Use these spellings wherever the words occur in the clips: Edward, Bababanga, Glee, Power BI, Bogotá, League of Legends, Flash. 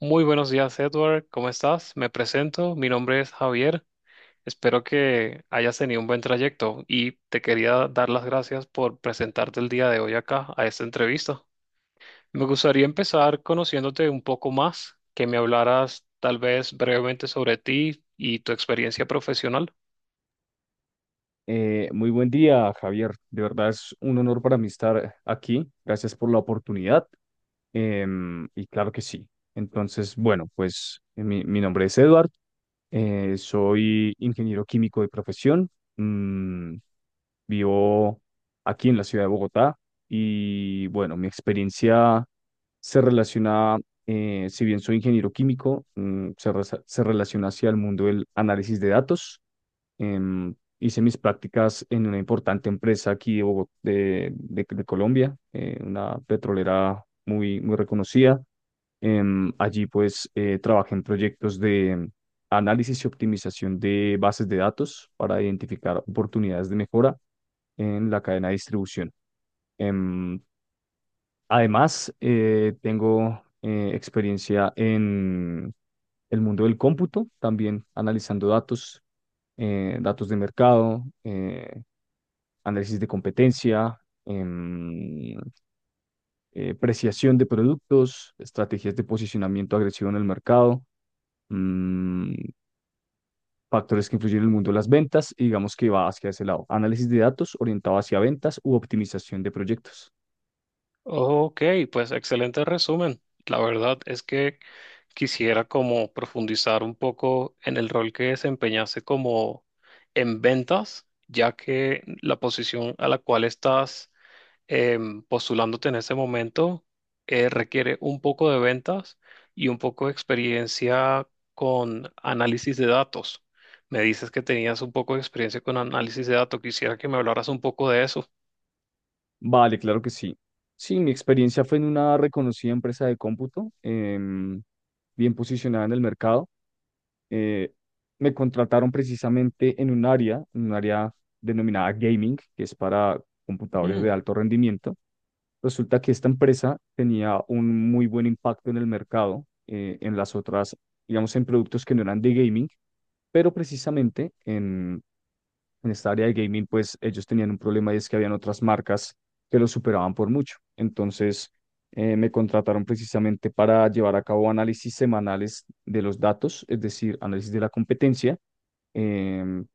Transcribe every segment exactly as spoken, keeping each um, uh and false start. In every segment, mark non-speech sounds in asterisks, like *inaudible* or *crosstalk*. Muy buenos días, Edward. ¿Cómo estás? Me presento. Mi nombre es Javier. Espero que hayas tenido un buen trayecto y te quería dar las gracias por presentarte el día de hoy acá a esta entrevista. Me gustaría empezar conociéndote un poco más, que me hablaras tal vez brevemente sobre ti y tu experiencia profesional. Eh, muy buen día, Javier. De verdad es un honor para mí estar aquí. Gracias por la oportunidad. Em, y claro que sí. Entonces, bueno, pues eh, mi, mi nombre es Edward. Eh, soy ingeniero químico de profesión. Mm, Vivo aquí en la ciudad de Bogotá. Y bueno, mi experiencia se relaciona, eh, si bien soy ingeniero químico, mm, se, re- se relaciona hacia el mundo del análisis de datos. Em, hice mis prácticas en una importante empresa aquí de, Bogo- de, de- de Colombia, eh, una petrolera muy, muy reconocida. Em, allí pues eh, trabajé en proyectos de análisis y optimización de bases de datos para identificar oportunidades de mejora en la cadena de distribución. Em, Además, eh, tengo eh, experiencia en el mundo del cómputo, también analizando datos, eh, datos de mercado, eh, análisis de competencia, em, eh, preciación de productos, estrategias de posicionamiento agresivo en el mercado, mm, factores que influyen en el mundo de las ventas, y digamos que va hacia ese lado. Análisis de datos orientado hacia ventas u optimización de proyectos. Ok, pues excelente resumen. La verdad es que quisiera como profundizar un poco en el rol que desempeñaste como en ventas, ya que la posición a la cual estás em, postulándote en ese momento eh, requiere un poco de ventas y un poco de experiencia con análisis de datos. Me dices que tenías un poco de experiencia con análisis de datos. Quisiera que me hablaras un poco de eso. Vale, claro que sí. Sí, mi experiencia fue en una reconocida empresa de cómputo, em, bien posicionada en el mercado. eh, Me contrataron precisamente en un área, en un área denominada gaming, que es para computadores de Mm, alto rendimiento. Resulta que esta empresa tenía un muy buen impacto en el mercado, eh, en las otras, digamos, en productos que no eran de gaming, pero precisamente en, en esta área de gaming, pues ellos tenían un problema, y es que habían otras marcas que los superaban por mucho. Entonces, eh, me contrataron precisamente para llevar a cabo análisis semanales de los datos, es decir, análisis de la competencia, em,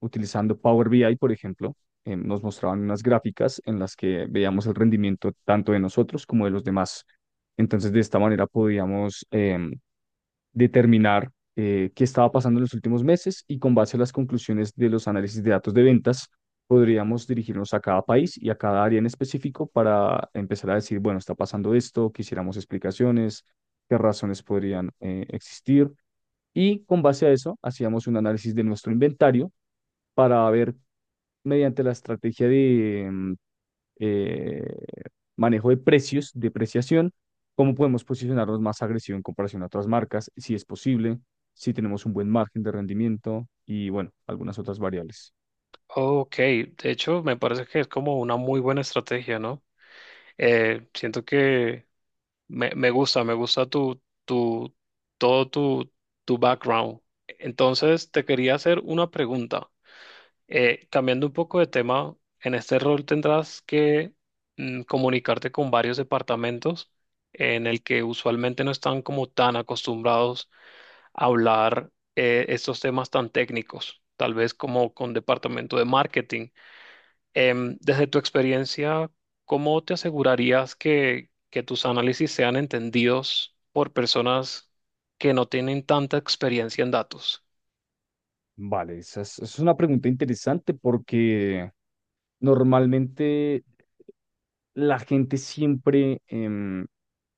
utilizando Power B I, por ejemplo. Em, nos mostraban unas gráficas en las que veíamos el rendimiento tanto de nosotros como de los demás. Entonces, de esta manera podíamos em, determinar eh, qué estaba pasando en los últimos meses, y con base a las conclusiones de los análisis de datos de ventas, podríamos dirigirnos a cada país y a cada área en específico para empezar a decir, bueno, está pasando esto, quisiéramos explicaciones, qué razones podrían eh, existir. Y con base a eso, hacíamos un análisis de nuestro inventario para ver mediante la estrategia de mm, eh, manejo de precios, depreciación, cómo podemos posicionarnos más agresivo en comparación a otras marcas, si es posible, si tenemos un buen margen de rendimiento y bueno, algunas otras variables. ok, de hecho me parece que es como una muy buena estrategia, ¿no? Eh, siento que Me, me gusta, me gusta tu, tu, todo tu, tu background. Entonces, te quería hacer una pregunta. Eh, cambiando un poco de tema, en este rol tendrás que mm, comunicarte con varios departamentos en el que usualmente no están como tan acostumbrados a hablar eh, estos temas tan técnicos, tal vez como con departamento de marketing. Em, desde tu experiencia, ¿cómo te asegurarías que, que tus análisis sean entendidos por personas que no tienen tanta experiencia en datos? Vale, esa es, esa es una pregunta interesante porque normalmente la gente siempre em,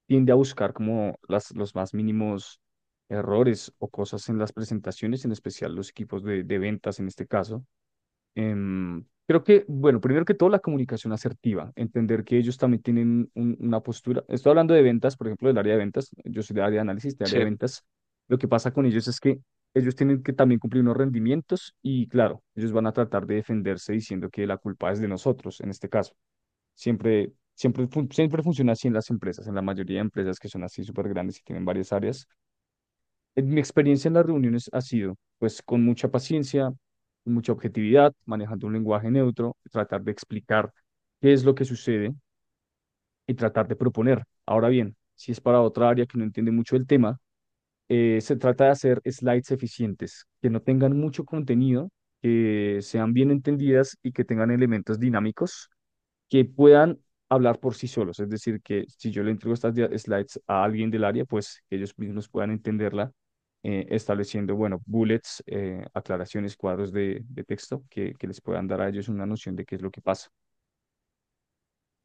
tiende a buscar como las, los más mínimos errores o cosas en las presentaciones, en especial los equipos de de ventas en este caso. Em, creo que, bueno, primero que todo la comunicación asertiva, entender que ellos también tienen un- una postura. Estoy hablando de ventas, por ejemplo, del área de ventas. Yo soy del área de análisis, del área de Sí. ventas. Lo que pasa con ellos es que ellos tienen que también cumplir unos rendimientos y, claro, ellos van a tratar de defenderse diciendo que la culpa es de nosotros, en este caso. Siempre, siempre, fun- siempre funciona así en las empresas, en la mayoría de empresas que son así súper grandes y tienen varias áreas. En Mi experiencia en las reuniones ha sido, pues, con mucha paciencia, con mucha objetividad, manejando un lenguaje neutro, tratar de explicar qué es lo que sucede y tratar de proponer. Ahora bien, si es para otra área que no entiende mucho el tema, eh, se trata de hacer slides eficientes, que no tengan mucho contenido, que sean bien entendidas y que tengan elementos dinámicos que puedan hablar por sí solos. Es decir, que si yo le entrego estas dia- slides a alguien del área, pues que ellos mismos puedan entenderla, eh, estableciendo, bueno, bullets, eh, aclaraciones, cuadros de, de texto que, que les puedan dar a ellos una noción de qué es lo que pasa.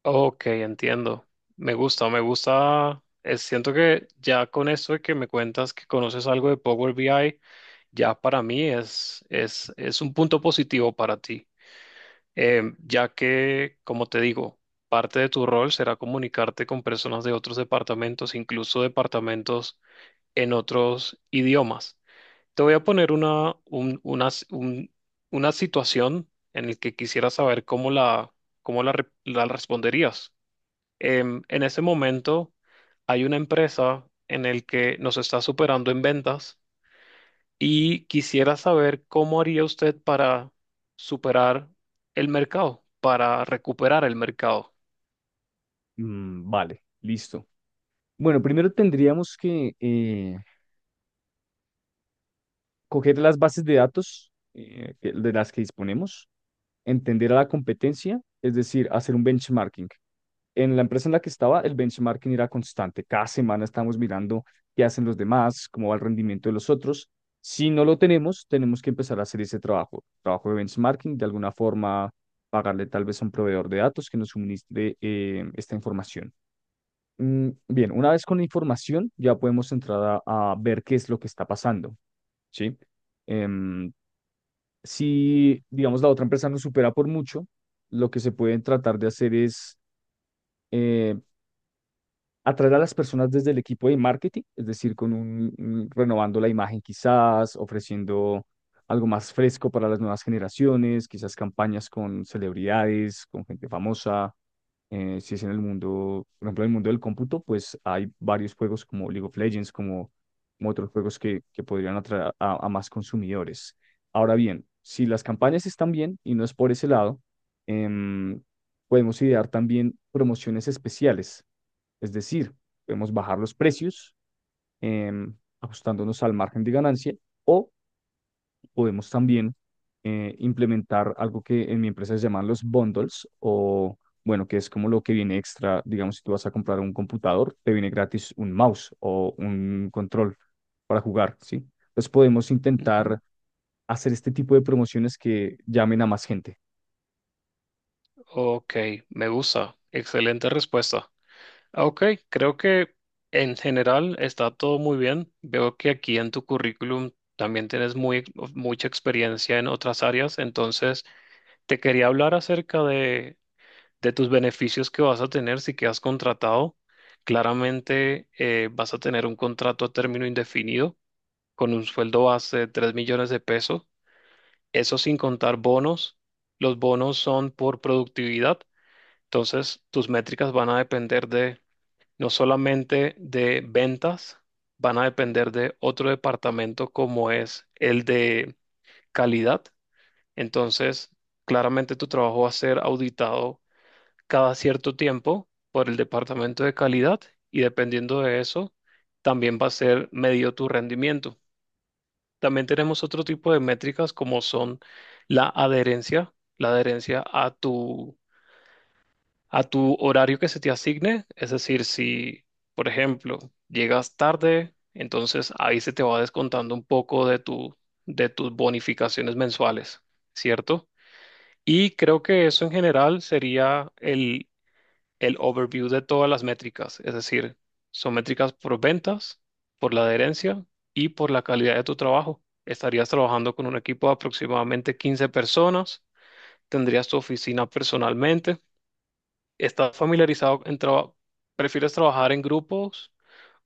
Ok, entiendo. Me gusta, me gusta. Eh, Siento que ya con esto de que me cuentas que conoces algo de Power B I, ya para mí es, es, es un punto positivo para ti. Eh, ya que, como te digo, parte de tu rol será comunicarte con personas de otros departamentos, incluso departamentos en otros idiomas. Te voy a poner una, un- una, s- un- una situación en la que quisiera saber cómo la, cómo la, re- la responderías. Em, en ese momento hay una empresa en el que nos está superando en ventas y quisiera saber cómo haría usted para superar el mercado, para recuperar el mercado. Mm, vale, listo. Bueno, primero tendríamos que eh, coger las bases de datos eh, que- de las que disponemos, entender a la competencia, es decir, hacer un benchmarking. En la empresa en la que estaba, el benchmarking era constante. Cada semana estamos mirando qué hacen los demás, cómo va el rendimiento de los otros. Si no lo tenemos, tenemos que empezar a hacer ese trabajo, trabajo de benchmarking, de alguna forma pagarle tal vez a un proveedor de datos que nos suministre eh, esta información. Mm, bien, una vez con la información, ya podemos entrar a, a ver qué es lo que está pasando, ¿sí? Em, si, digamos, la otra empresa nos supera por mucho, lo que se puede tratar de hacer es eh, atraer a las personas desde el equipo de marketing, es decir, con un, un- renovando la imagen quizás, ofreciendo algo más fresco para las nuevas generaciones, quizás campañas con celebridades, con gente famosa. Eh, si es en el mundo, por ejemplo, en el mundo del cómputo, pues hay varios juegos como League of Legends, como, como otros juegos que, que podrían atraer a, a más consumidores. Ahora bien, si las campañas están bien y no es por ese lado, em, podemos idear también promociones especiales, es decir, podemos bajar los precios eh, ajustándonos al margen de ganancia, o podemos también eh, implementar algo que en mi empresa se llaman los bundles, o bueno, que es como lo que viene extra. Digamos, si tú vas a comprar un computador, te viene gratis un mouse o un control para jugar, ¿sí? Entonces podemos Ujú. intentar hacer este tipo de promociones que llamen a más gente. Ok, me gusta. Excelente respuesta. Ah, ok, creo que en general está todo muy bien. Veo que aquí en tu currículum también tienes muy, ex- mucha experiencia en otras áreas, entonces te quería hablar acerca de, de tus beneficios que vas a tener si quedas contratado. Claramente eh, vas a tener un contrato a término indefinido con un sueldo base de tres millones de pesos, eso sin contar bonos. Los bonos son por productividad, entonces tus métricas van a depender no solamente de ventas, van a depender de otro departamento como es el de calidad. Entonces, claramente tu trabajo va a ser auditado cada cierto tiempo por el departamento de calidad y dependiendo de eso, también va a ser medido tu rendimiento. También tenemos otro tipo de métricas como son la adherencia, la adherencia a tu a tu horario que se te asigne. Es decir, si, por ejemplo, llegas tarde, entonces ahí se te va descontando un poco de tu, de tus bonificaciones mensuales, ¿cierto? Y creo que eso en general sería el, el overview de todas las métricas. Es decir, son métricas por ventas, por la adherencia y por la calidad de tu trabajo. Estarías trabajando con un equipo de aproximadamente quince personas, tendrías tu oficina personalmente. ¿Estás familiarizado en trabajo? ¿Prefieres trabajar en grupos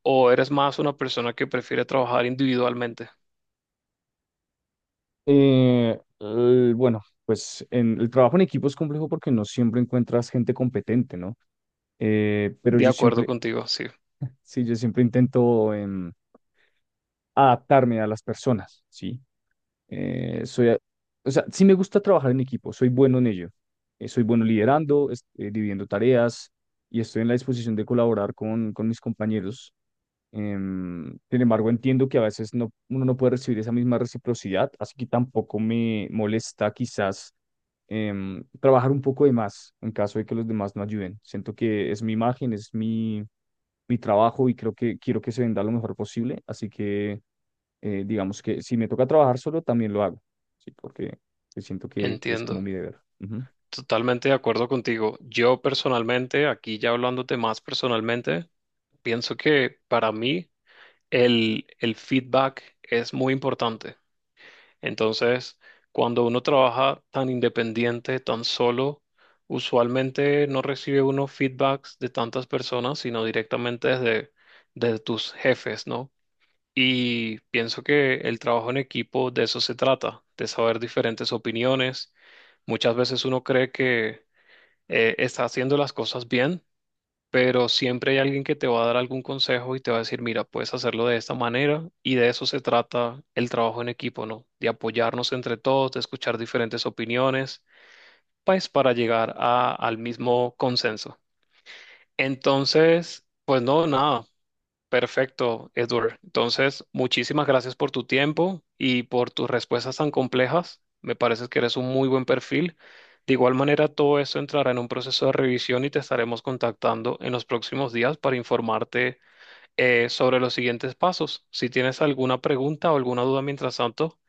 o eres más una persona que prefiere trabajar individualmente? Eh, el- bueno, pues en, el trabajo en equipo es complejo porque no siempre encuentras gente competente, ¿no? Eh, pero De yo acuerdo siempre, contigo, sí, sí, yo siempre intento em, adaptarme a las personas, ¿sí? Eh, soy, a- o sea, sí me gusta trabajar en equipo, soy bueno en ello. Eh, soy bueno liderando, es- eh, dividiendo tareas y estoy en la disposición de colaborar con, con mis compañeros. Em, sin embargo, entiendo que a veces no, uno no puede recibir esa misma reciprocidad, así que tampoco me molesta quizás em, trabajar un poco de más en caso de que los demás no ayuden. Siento que es mi imagen, es mi, mi trabajo y creo que quiero que se venda lo mejor posible, así que eh, digamos que si me toca trabajar solo, también lo hago, sí, porque siento que, que es como entiendo. mi deber. Ujú. Totalmente de acuerdo contigo. Yo personalmente, aquí ya hablándote más personalmente, pienso que para mí el, el feedback es muy importante. Entonces, cuando uno trabaja tan independiente, tan solo, usualmente no recibe uno feedbacks de tantas personas, sino directamente desde, desde tus jefes, ¿no? Y pienso que el trabajo en equipo de eso se trata, de saber diferentes opiniones. Muchas veces uno cree que eh, está haciendo las cosas bien pero siempre hay alguien que te va a dar algún consejo y te va a decir, mira, puedes hacerlo de esta manera y de eso se trata el trabajo en equipo, ¿no? De apoyarnos entre todos, de escuchar diferentes opiniones, pues para llegar a- al mismo consenso. Entonces, pues no, nada. Perfecto, Edward. Entonces, muchísimas gracias por tu tiempo y por tus respuestas tan complejas. Me parece que eres un muy buen perfil. De igual manera, todo eso entrará en un proceso de revisión y te estaremos contactando en los próximos días para informarte eh, sobre los siguientes pasos. Si tienes alguna pregunta o alguna duda mientras tanto,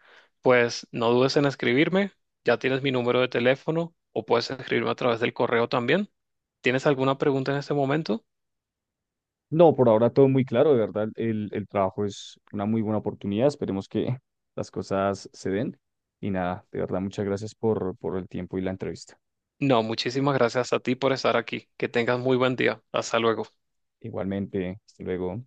pues no dudes en escribirme. Ya tienes mi número de teléfono o puedes escribirme a través del correo también. ¿Tienes alguna pregunta en este momento? No, por ahora todo muy claro, de verdad, el, el trabajo es una muy buena oportunidad, esperemos que *laughs* las cosas se den. Y nada, de verdad, muchas gracias por, por el tiempo y la entrevista. No, muchísimas gracias a ti por estar aquí. Que tengas muy buen día. Hasta luego. Igualmente, hasta luego.